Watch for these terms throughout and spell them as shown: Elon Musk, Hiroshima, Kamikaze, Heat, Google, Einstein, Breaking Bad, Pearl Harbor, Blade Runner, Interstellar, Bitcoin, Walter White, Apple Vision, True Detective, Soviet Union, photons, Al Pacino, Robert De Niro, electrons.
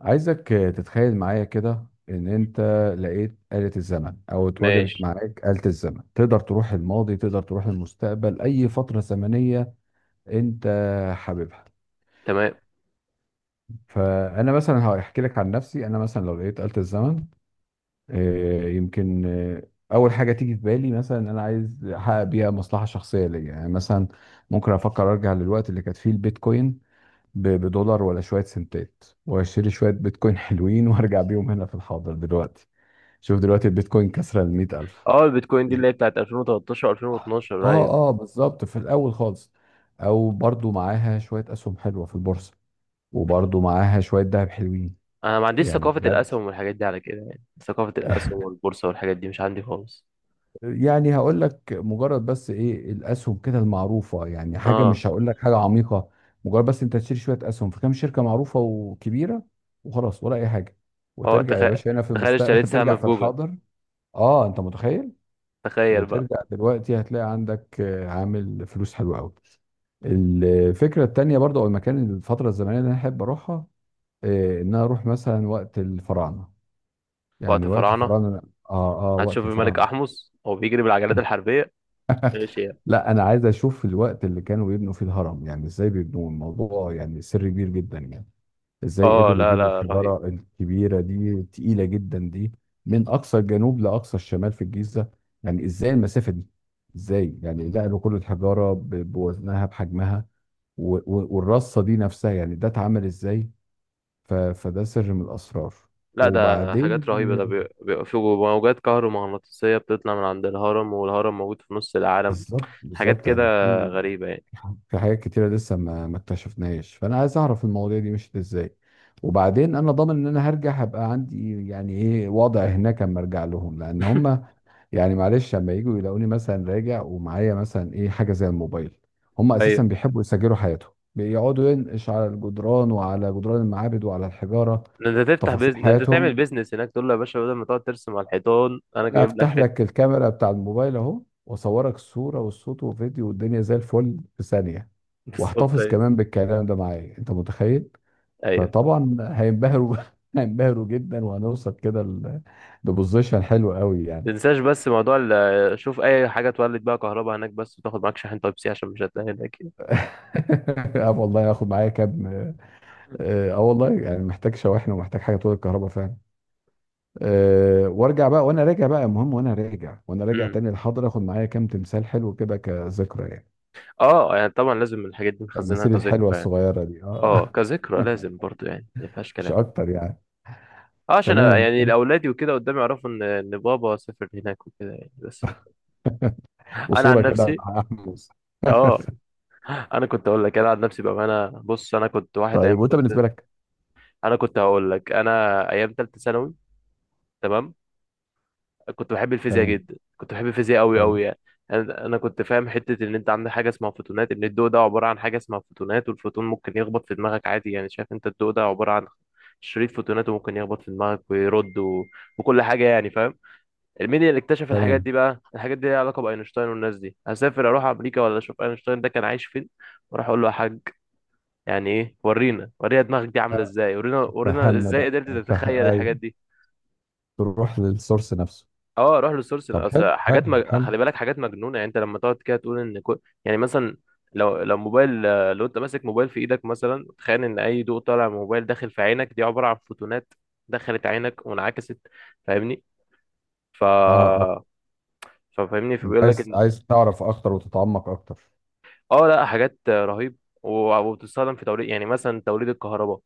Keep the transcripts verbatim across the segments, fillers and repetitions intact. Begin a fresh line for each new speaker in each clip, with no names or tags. عايزك آه، تتخيل معايا كده ان انت لقيت آلة الزمن، او اتوجدت
ماشي.
معاك آلة الزمن، تقدر تروح الماضي، تقدر تروح المستقبل، اي فترة زمنية انت حاببها.
تمام.
فانا مثلا هحكي لك عن نفسي. انا مثلا لو لقيت آلة الزمن، آه، يمكن آه، اول حاجة تيجي في بالي مثلا ان انا عايز احقق بيها مصلحة شخصية ليا. يعني مثلا ممكن افكر ارجع للوقت اللي كانت فيه البيتكوين ب- بدولار ولا شوية سنتات، واشتري شوية بيتكوين حلوين وارجع بيهم هنا في الحاضر دلوقتي. شوف دلوقتي البيتكوين كسر ال مية ألف.
اه، البيتكوين دي اللي هي بتاعت ألفين وتلتاشر، ألفين واتناشر. ايوه،
اه اه بالظبط، في الاول خالص، او برضو معاها شويه اسهم حلوه في البورصه، وبرضو معاها شويه ذهب حلوين،
انا ما عنديش
يعني
ثقافة
بجد.
الاسهم والحاجات دي على كده، يعني ثقافة الاسهم والبورصة والحاجات دي مش عندي خالص.
يعني هقول لك مجرد بس ايه الاسهم كده المعروفه، يعني حاجه
اه
مش هقول لك حاجه عميقه، مجرد بس انت تشتري شويه اسهم في كام شركه معروفه وكبيره، وخلاص، ولا اي حاجه،
اه
وترجع يا
تخيل.
باشا هنا في
تخيل اشتريت
المستقبل. ترجع
سهم في
في
جوجل.
الحاضر. اه انت متخيل،
تخيل بقى.
وترجع دلوقتي هتلاقي عندك آه، عامل فلوس حلوة قوي. الفكرة التانية برضه، أو المكان، الفترة الزمنية اللي أنا أحب أروحها، آه، إن أنا أروح مثلا وقت الفراعنة.
وقت
يعني وقت
فراعنة
الفراعنة. آه آه
هتشوف
وقت
الملك
الفراعنة.
احمس هو بيجري بالعجلات الحربية، ماشي يعني.
لا أنا عايز أشوف الوقت اللي كانوا بيبنوا فيه الهرم. يعني إزاي بيبنوا الموضوع؟ يعني سر كبير جدا يعني. ازاي
اه،
قدروا
لا
يجيبوا
لا رهيب.
الحجارة الكبيرة دي، تقيلة جدا دي، من أقصى الجنوب لأقصى الشمال في الجيزة؟ يعني ازاي المسافة دي؟ ازاي يعني نقلوا كل الحجارة ب- بوزنها بحجمها، و- و- والرصة دي نفسها، يعني ده اتعمل ازاي؟ ف- فده سر من الأسرار.
لا ده حاجات
وبعدين
رهيبة، ده بي- بيبقى في موجات كهرومغناطيسية بتطلع من عند الهرم، والهرم موجود في نص العالم.
بالظبط
حاجات
بالظبط،
كده
يعني في،
غريبة يعني.
في حاجات كتيرة لسه ما ما اكتشفناهاش، فأنا عايز أعرف المواضيع دي مشيت إزاي. وبعدين أنا ضامن إن أنا هرجع هبقى عندي يعني إيه وضع هناك أما أرجع لهم، لأن هم يعني معلش لما يجوا يلاقوني مثلا راجع ومعايا مثلا إيه، حاجة زي الموبايل. هم أساسا
ايوه،
بيحبوا يسجلوا حياتهم، بيقعدوا ينقش على الجدران وعلى جدران المعابد وعلى الحجارة
ده انت تفتح
تفاصيل
بيزنس، ده انت تعمل
حياتهم.
بيزنس هناك، تقول له يا باشا بدل ما تقعد ترسم على الحيطان انا
انا
جايب لك
افتح لك
حته.
الكاميرا بتاع الموبايل اهو، واصورك الصوره والصوت وفيديو والدنيا زي الفل في ثانيه،
بالظبط.
واحتفظ
ايوه.
كمان بالكلام ده معايا، انت متخيل؟
ايوه.
فطبعا هينبهروا. هينبهروا جدا، وهنوصل كده ل- لبوزيشن حلو قوي يعني.
تنساش بس موضوع ال- آه، شوف، اي حاجه تولد بقى كهرباء هناك، بس وتاخد معاك شاحن تايب سي عشان مش هتلاقي هناك يعني.
اه والله هاخد معايا كام، اه، آه، والله يعني محتاج شواحن ومحتاج حاجه، طول الكهرباء فعلا. أه وارجع بقى، وانا راجع بقى المهم، وانا راجع، وانا راجع
امم
تاني الحاضر، اخد معايا كام تمثال حلو كده كذكرى يعني.
اه، يعني طبعا لازم الحاجات دي نخزنها
التماثيل الحلوه
كذكرى يعني.
الصغيره دي،
اه،
اه.
كذكرى لازم برضو يعني، ما فيهاش
مش
كلام.
اكتر يعني.
اه عشان أ-
تمام،
يعني الاولاد وكده قدام يعرفوا ان ان بابا سافر هناك وكده يعني بس. انا عن
وصوره كده
نفسي.
مع احمد.
اه، انا كنت اقول لك انا عن نفسي بقى، انا بص، انا كنت واحد ايام
طيب وانت
كنت،
بالنسبه لك؟
انا كنت هقول لك انا ايام ثالثه ثانوي. تمام. كنت بحب الفيزياء
تمام.
جدا، كنت بحب الفيزياء قوي
حلو.
قوي يعني. انا أنا كنت فاهم حته ان انت عندك حاجه اسمها فوتونات، ان الضوء ده عباره عن حاجه اسمها فوتونات، والفوتون ممكن يخبط في دماغك عادي، يعني شايف انت الضوء ده عباره عن شريط فوتونات وممكن يخبط في دماغك ويرد و... وكل حاجه، يعني فاهم. مين اللي اكتشف الحاجات
تمام.
دي بقى؟ الحاجات دي ليها علاقه باينشتاين والناس دي، هسافر اروح امريكا ولا اشوف اينشتاين ده كان عايش فين، واروح اقول له يا حاج، يعني ايه، ورينا ورينا دماغك دي عامله
آه،
ازاي، ورينا ورينا
فهمنا
ازاي
بقى.
قدرت
فه...
تتخيل الحاجات
ايوه،
دي.
تروح للسورس نفسه.
اه روح للسورس،
طب
اصل
حلو
حاجات
حلو
مج...
حلو.
خلي بالك حاجات مجنونه يعني. انت لما تقعد كده تقول ان كل... يعني مثلا، لو لو موبايل، آه، لو انت ماسك موبايل في ايدك مثلا، تخيل ان اي ضوء طالع من موبايل داخل في عينك دي عباره عن فوتونات دخلت عينك وانعكست، فاهمني؟ ف
اه اه
ففاهمني
انت
فبيقول لك
عايز،
ان
عايز تعرف اكتر وتتعمق اكتر.
اه، لا حاجات آه، رهيب. و- وبتستخدم في توليد، يعني مثلا توليد الكهرباء.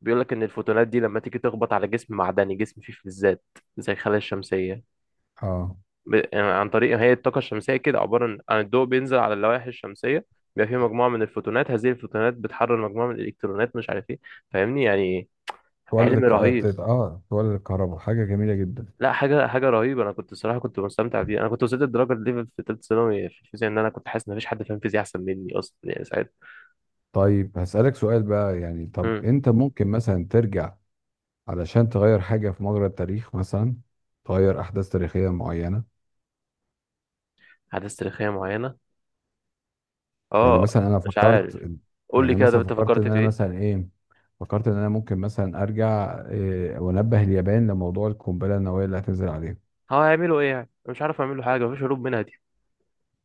بيقول لك ان الفوتونات دي لما تيجي تخبط على جسم معدني، جسم فيه فلزات زي الخلايا الشمسيه،
اه
ب... يعني عن طريق، هي الطاقة الشمسية كده عبارة عن عن الضوء بينزل على اللوائح الشمسية، بيبقى فيه مجموعة من الفوتونات، هذه الفوتونات بتحرر مجموعة من الإلكترونات، مش عارف ايه، فاهمني يعني.
تولد
علم
الك... اه
رهيب.
تت- آه، تولد الكهرباء، حاجه جميله جدا.
لا، حاجة حاجة رهيبة. أنا كنت الصراحة كنت مستمتع بيه، أنا كنت وصلت لدرجة ليفل في تالتة ثانوي في الفيزياء، إن أنا كنت حاسس إن مفيش حد فاهم فيزياء أحسن مني أصلا يعني ساعتها.
طيب هسألك سؤال بقى، يعني طب
امم
انت ممكن مثلا ترجع علشان تغير حاجة في مجرى التاريخ مثلا؟ تغير أحداث تاريخية معينة.
أحداث تاريخية معينة.
يعني
أه،
مثلا أنا
مش
فكرت،
عارف. قول
يعني
لي
أنا
كده، طب
مثلا
أنت
فكرت إن
فكرت في
أنا
إيه؟
مثلا إيه، فكرت إن أنا ممكن مثلا أرجع إيه، وأنبه اليابان لموضوع القنبلة النووية اللي هتنزل عليهم.
هو هيعملوا إيه يعني؟ مش عارف يعملوا حاجة، مفيش هروب منها دي.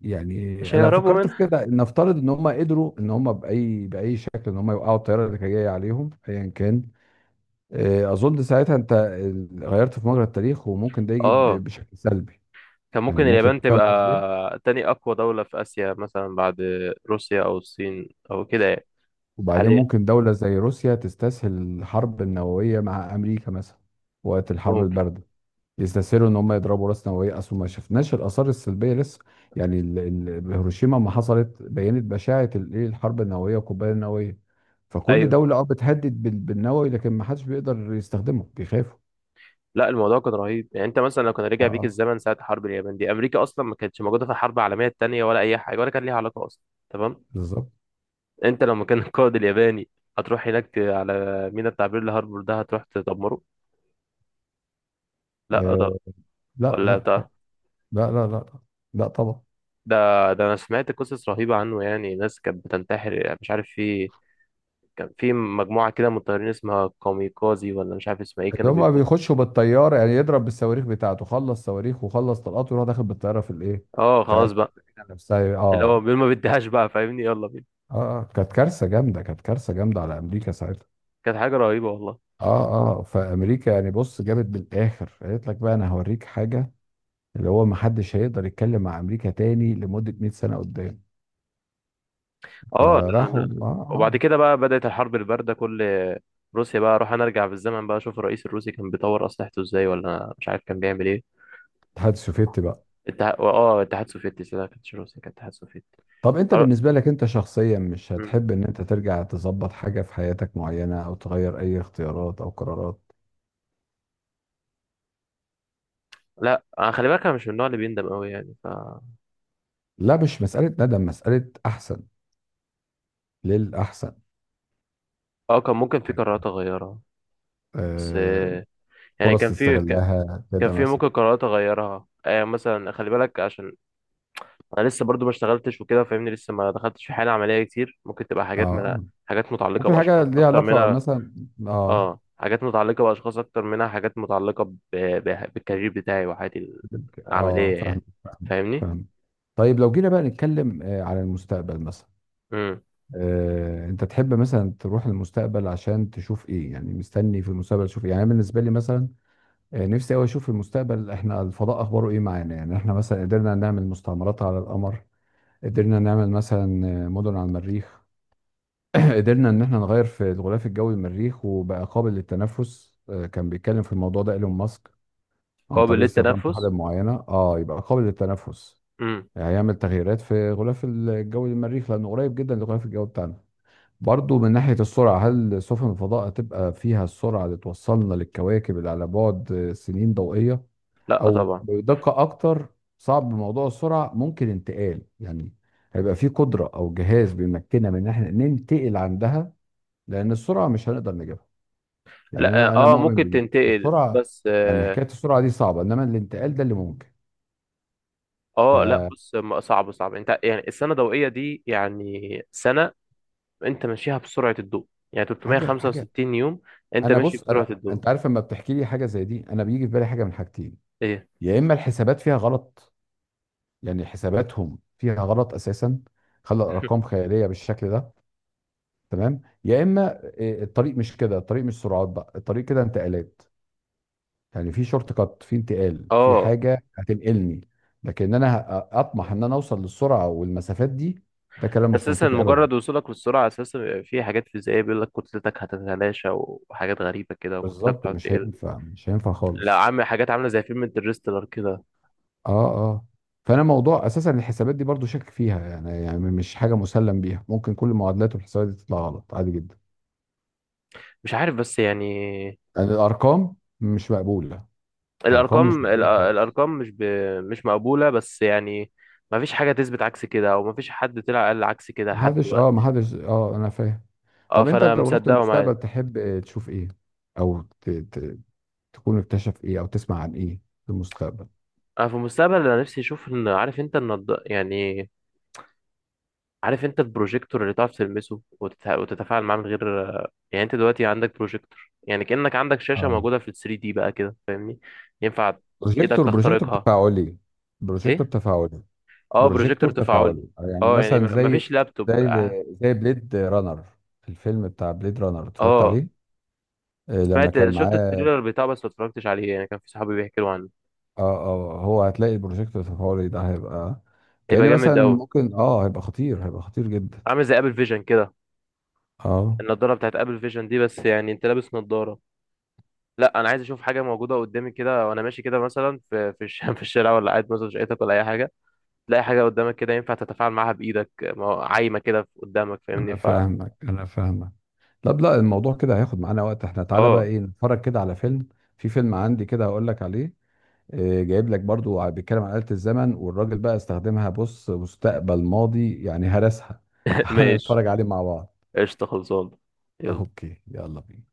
يعني
مش
أنا
هيهربوا
فكرت في
منها.
كده، نفترض إن هم قدروا إن هم بأي بأي شكل إن هم يوقعوا الطيارة اللي كانت جاية عليهم أيا كان. إيه أظن ساعتها أنت غيرت في مجرى التاريخ، وممكن ده يجي ب-
أه،
بشكل سلبي.
كان ممكن
يعني ممكن،
اليابان
فاهم قصدي؟
تبقى تاني أقوى دولة في آسيا مثلا بعد روسيا أو الصين أو كده يعني.
وبعدين
حاليا.
ممكن دولة زي روسيا تستسهل الحرب النووية مع أمريكا مثلا، وقت الحرب
ممكن.
الباردة. يستسهلوا إن هم يضربوا رأس نووية، أصل ما شفناش الآثار السلبية لسه. يعني ال- ال- هيروشيما ما حصلت، بينت بشاعة ال- إيه الحرب النووية والقنبلة النووية. فكل
أيوه.
دولة أه بتهدد بال- بالنووي، لكن ما حدش بيقدر يستخدمه، بيخافوا.
لا الموضوع كان رهيب يعني. أنت مثلا لو كان
اه
رجع بيك
آه،
الزمن ساعة حرب اليابان دي، أمريكا أصلا ما كانتش موجودة في الحرب العالمية التانية ولا أي حاجة ولا كان ليها علاقة أصلا. تمام.
بالظبط.
أنت لو مكان القائد الياباني، هتروح هناك ت- على ميناء بتاع بيرل هاربور ده هتروح تدمره. لا طب،
آه لا
ولا
لا،
طب،
لا لا لا لا طبعا.
ده، ده أنا سمعت قصص رهيبة عنه يعني، ناس كانت بتنتحر يعني، مش عارف في، كان في مجموعة كده من الطيارين اسمها كاميكازي ولا مش عارف اسمها ايه،
اللي
كانوا
هما
بيكون.
بيخشوا بالطياره يعني، يضرب بالصواريخ بتاعته، خلص صواريخ وخلص طلقاته، ويروح داخل بالطياره في الايه،
اه
في
خلاص
قلب
بقى،
السفينه نفسها.
اللي هو
اه
بيقول ما بديهاش بقى، فاهمني، يلا بينا.
اه. آه، كانت كارثه جامده، كانت كارثه جامده على امريكا ساعتها.
كانت حاجة رهيبة والله.
اه اه. فامريكا يعني، بص، جابت بالاخر قالت لك بقى انا هوريك حاجه، اللي هو ما حدش هيقدر يتكلم مع امريكا تاني لمده مية سنة سنه قدام.
اه، لا
فراحوا
لا
اه
وبعد
اه
كده بقى بدأت الحرب الباردة. كل روسيا بقى، اروح انا ارجع بالزمن بقى اشوف الرئيس الروسي كان بيطور اسلحته ازاي ولا مش عارف كان بيعمل ايه.
الاتحاد السوفيتي بقى.
الاتحاد، اه الاتحاد السوفيتي، لا ما كانتش روسيا، كانت الاتحاد السوفيتي.
طب انت
أر-
بالنسبه لك انت شخصيا، مش
مم.
هتحب ان انت ترجع تظبط حاجه في حياتك معينه، او تغير اي اختيارات او قرارات؟
لا انا خلي بالك انا مش من النوع اللي بيندم قوي يعني ف
لا مش مسألة ندم، مسألة أحسن للأحسن.
اه، كان ممكن في قرارات اغيرها بس
آه،
آه، يعني
فرص
كان في،
تستغلها
كان
كده
في
مثلا.
ممكن قرارات اغيرها. آه مثلا خلي بالك، عشان انا لسه برضو ما اشتغلتش وكده فاهمني، لسه ما دخلتش في حاله عمليه كتير، ممكن تبقى
اه
حاجات من،
آه.
حاجات متعلقه
ممكن حاجة
باشخاص
ليها
اكتر
علاقة
منها.
مثلا. اه
اه، حاجات متعلقه باشخاص اكتر منها، حاجات متعلقه ب... ب... بالكارير بتاعي وحياتي
اه
العمليه
فاهم
يعني.
فاهم
فاهمني.
فاهم. طيب لو جينا بقى نتكلم آه، على المستقبل مثلا،
امم
آه، انت تحب مثلا تروح المستقبل عشان تشوف ايه؟ يعني مستني في المستقبل تشوف ايه؟ يعني أنا بالنسبه لي مثلا، آه، نفسي قوي اشوف في المستقبل احنا الفضاء اخباره ايه معانا. يعني احنا مثلا قدرنا نعمل مستعمرات على القمر؟ قدرنا نعمل مثلا آه، مدن على المريخ؟ قدرنا ان احنا نغير في الغلاف الجوي للمريخ وبقى قابل للتنفس؟ آه، كان بيتكلم في الموضوع ده ايلون ماسك، عن
قابل
طريق استخدام
للتنفس.
طحالب معينه، اه، يبقى قابل للتنفس.
امم
يعني هيعمل تغييرات في غلاف الجوي للمريخ، لانه قريب جدا للغلاف الجوي بتاعنا. برضو من ناحيه السرعه، هل سفن الفضاء هتبقى فيها السرعه اللي توصلنا للكواكب اللي على بعد آه، سنين ضوئيه،
لا
او
طبعا.
بدقه اكتر، صعب موضوع السرعه. ممكن انتقال يعني، هيبقى في قدره او جهاز بيمكننا من ان احنا ننتقل عندها، لان السرعه مش هنقدر نجيبها. يعني
لا
انا، انا
اه، آه،
مؤمن
ممكن
بدي
تنتقل
السرعه،
بس
يعني
اه،
حكايه السرعه دي صعبه، انما الانتقال ده اللي ممكن.
آه، لا
فحاجه
بص، ما- صعب صعب. انت يعني السنه الضوئيه دي يعني سنه، انت ماشيها بسرعة الضوء، يعني
حاجه،
تلتمية وخمسة وستين يوم انت
انا
ماشي
بص،
بسرعة
أنا
الضوء.
انت عارف لما بتحكي لي حاجه زي دي، انا بيجي في بالي حاجه من حاجتين.
ايه؟
يا اما الحسابات فيها غلط، يعني حساباتهم فيها غلط اساسا، خلى الارقام خياليه بالشكل ده، تمام؟ يا اما إيه، الطريق مش كده، الطريق مش سرعات بقى، الطريق كده انتقالات. يعني في شورت كات، في انتقال، في
اه،
حاجه هتنقلني. لكن انا ه- اطمح ان انا اوصل للسرعه والمسافات دي، ده كلام مش
اساسا
منطقي ابدا.
مجرد وصولك للسرعة اساسا بيبقى في حاجات فيزيائية، بيقول لك كتلتك هتتلاشى وحاجات غريبة كده، وكتلتك
بالظبط،
تقعد
مش
تقل.
هينفع، مش هينفع
لا
خالص.
عامل حاجات عاملة زي فيلم انترستيلر كده.
اه اه فانا موضوع اساسا الحسابات دي برضو شاكك فيها، يعني يعني مش حاجه مسلم بيها، ممكن كل المعادلات والحسابات دي تطلع غلط عادي جدا.
مش عارف، بس يعني
يعني الارقام مش مقبوله، ارقام مش
الارقام ال-
مقبوله خالص.
الارقام مش ب... مش مقبولة، بس يعني ما فيش حاجة تثبت عكس كده، او ما فيش حد طلع قال عكس كده لحد
محدش، اه،
دلوقتي.
محدش، اه، انا فاهم.
اه،
طب انت
فانا
لو رحت
مصدقه معاه.
المستقبل، تحب تشوف ايه، او تكون اكتشف ايه، او تسمع عن ايه في المستقبل؟
انا في المستقبل، انا نفسي اشوف ان، عارف انت النض يعني، عارف انت البروجيكتور اللي تعرف تلمسه وتت- وتتفاعل معاه من غير، يعني انت دلوقتي عندك بروجيكتور يعني كأنك عندك شاشة
اه،
موجودة في ال تري دي بقى كده، فاهمني؟ ينفع ايدك
بروجيكتور، بروجيكتور
تخترقها.
تفاعلي. بروجيكتور
ايه؟
تفاعلي.
اه، بروجيكتور
بروجيكتور
تفاعلي.
تفاعلي آه، يعني
اه، يعني
مثلا،
ما-
زي،
مفيش لابتوب.
زي
اه،
زي بليد رانر. في الفيلم بتاع بليد رانر، اتفرجت
اه.
عليه؟ آه، لما
سمعت،
كان
شفت
معاه،
التريلر بتاعه بس ما اتفرجتش عليه يعني، كان في صحابي بيحكوا عنه.
اه اه، هو هتلاقي البروجيكتور التفاعلي ده هيبقى
يبقى
كأن مثلا،
جامد قوي،
ممكن اه هيبقى خطير، هيبقى خطير جدا.
عامل زي ابل فيجن كده.
اه
النضاره بتاعت ابل فيجن دي بس يعني انت لابس نضاره. لا انا عايز اشوف حاجه موجوده قدامي كده، وانا ماشي كده مثلا في في الش- في الشارع، ولا قاعد مثلا في شقتك ولا اي حاجه، تلاقي حاجة قدامك كده ينفع تتفاعل معاها بإيدك. ما هو عايمة كده قدامك، فاهمني؟
انا
ف
فاهمك، انا فاهمك. لا لا، الموضوع كده هياخد معانا وقت، احنا تعالى بقى
اه.
ايه، نتفرج كده على فيلم. في فيلم عندي كده هقول لك عليه، آه، جايب لك برضو ع- بيتكلم عن آلة الزمن، والراجل بقى استخدمها بص، مستقبل، ماضي، يعني هرسها. تعال
ماشي،
نتفرج عليه مع بعض.
قشطة، خلصان. يلا.
اوكي، يلا بينا.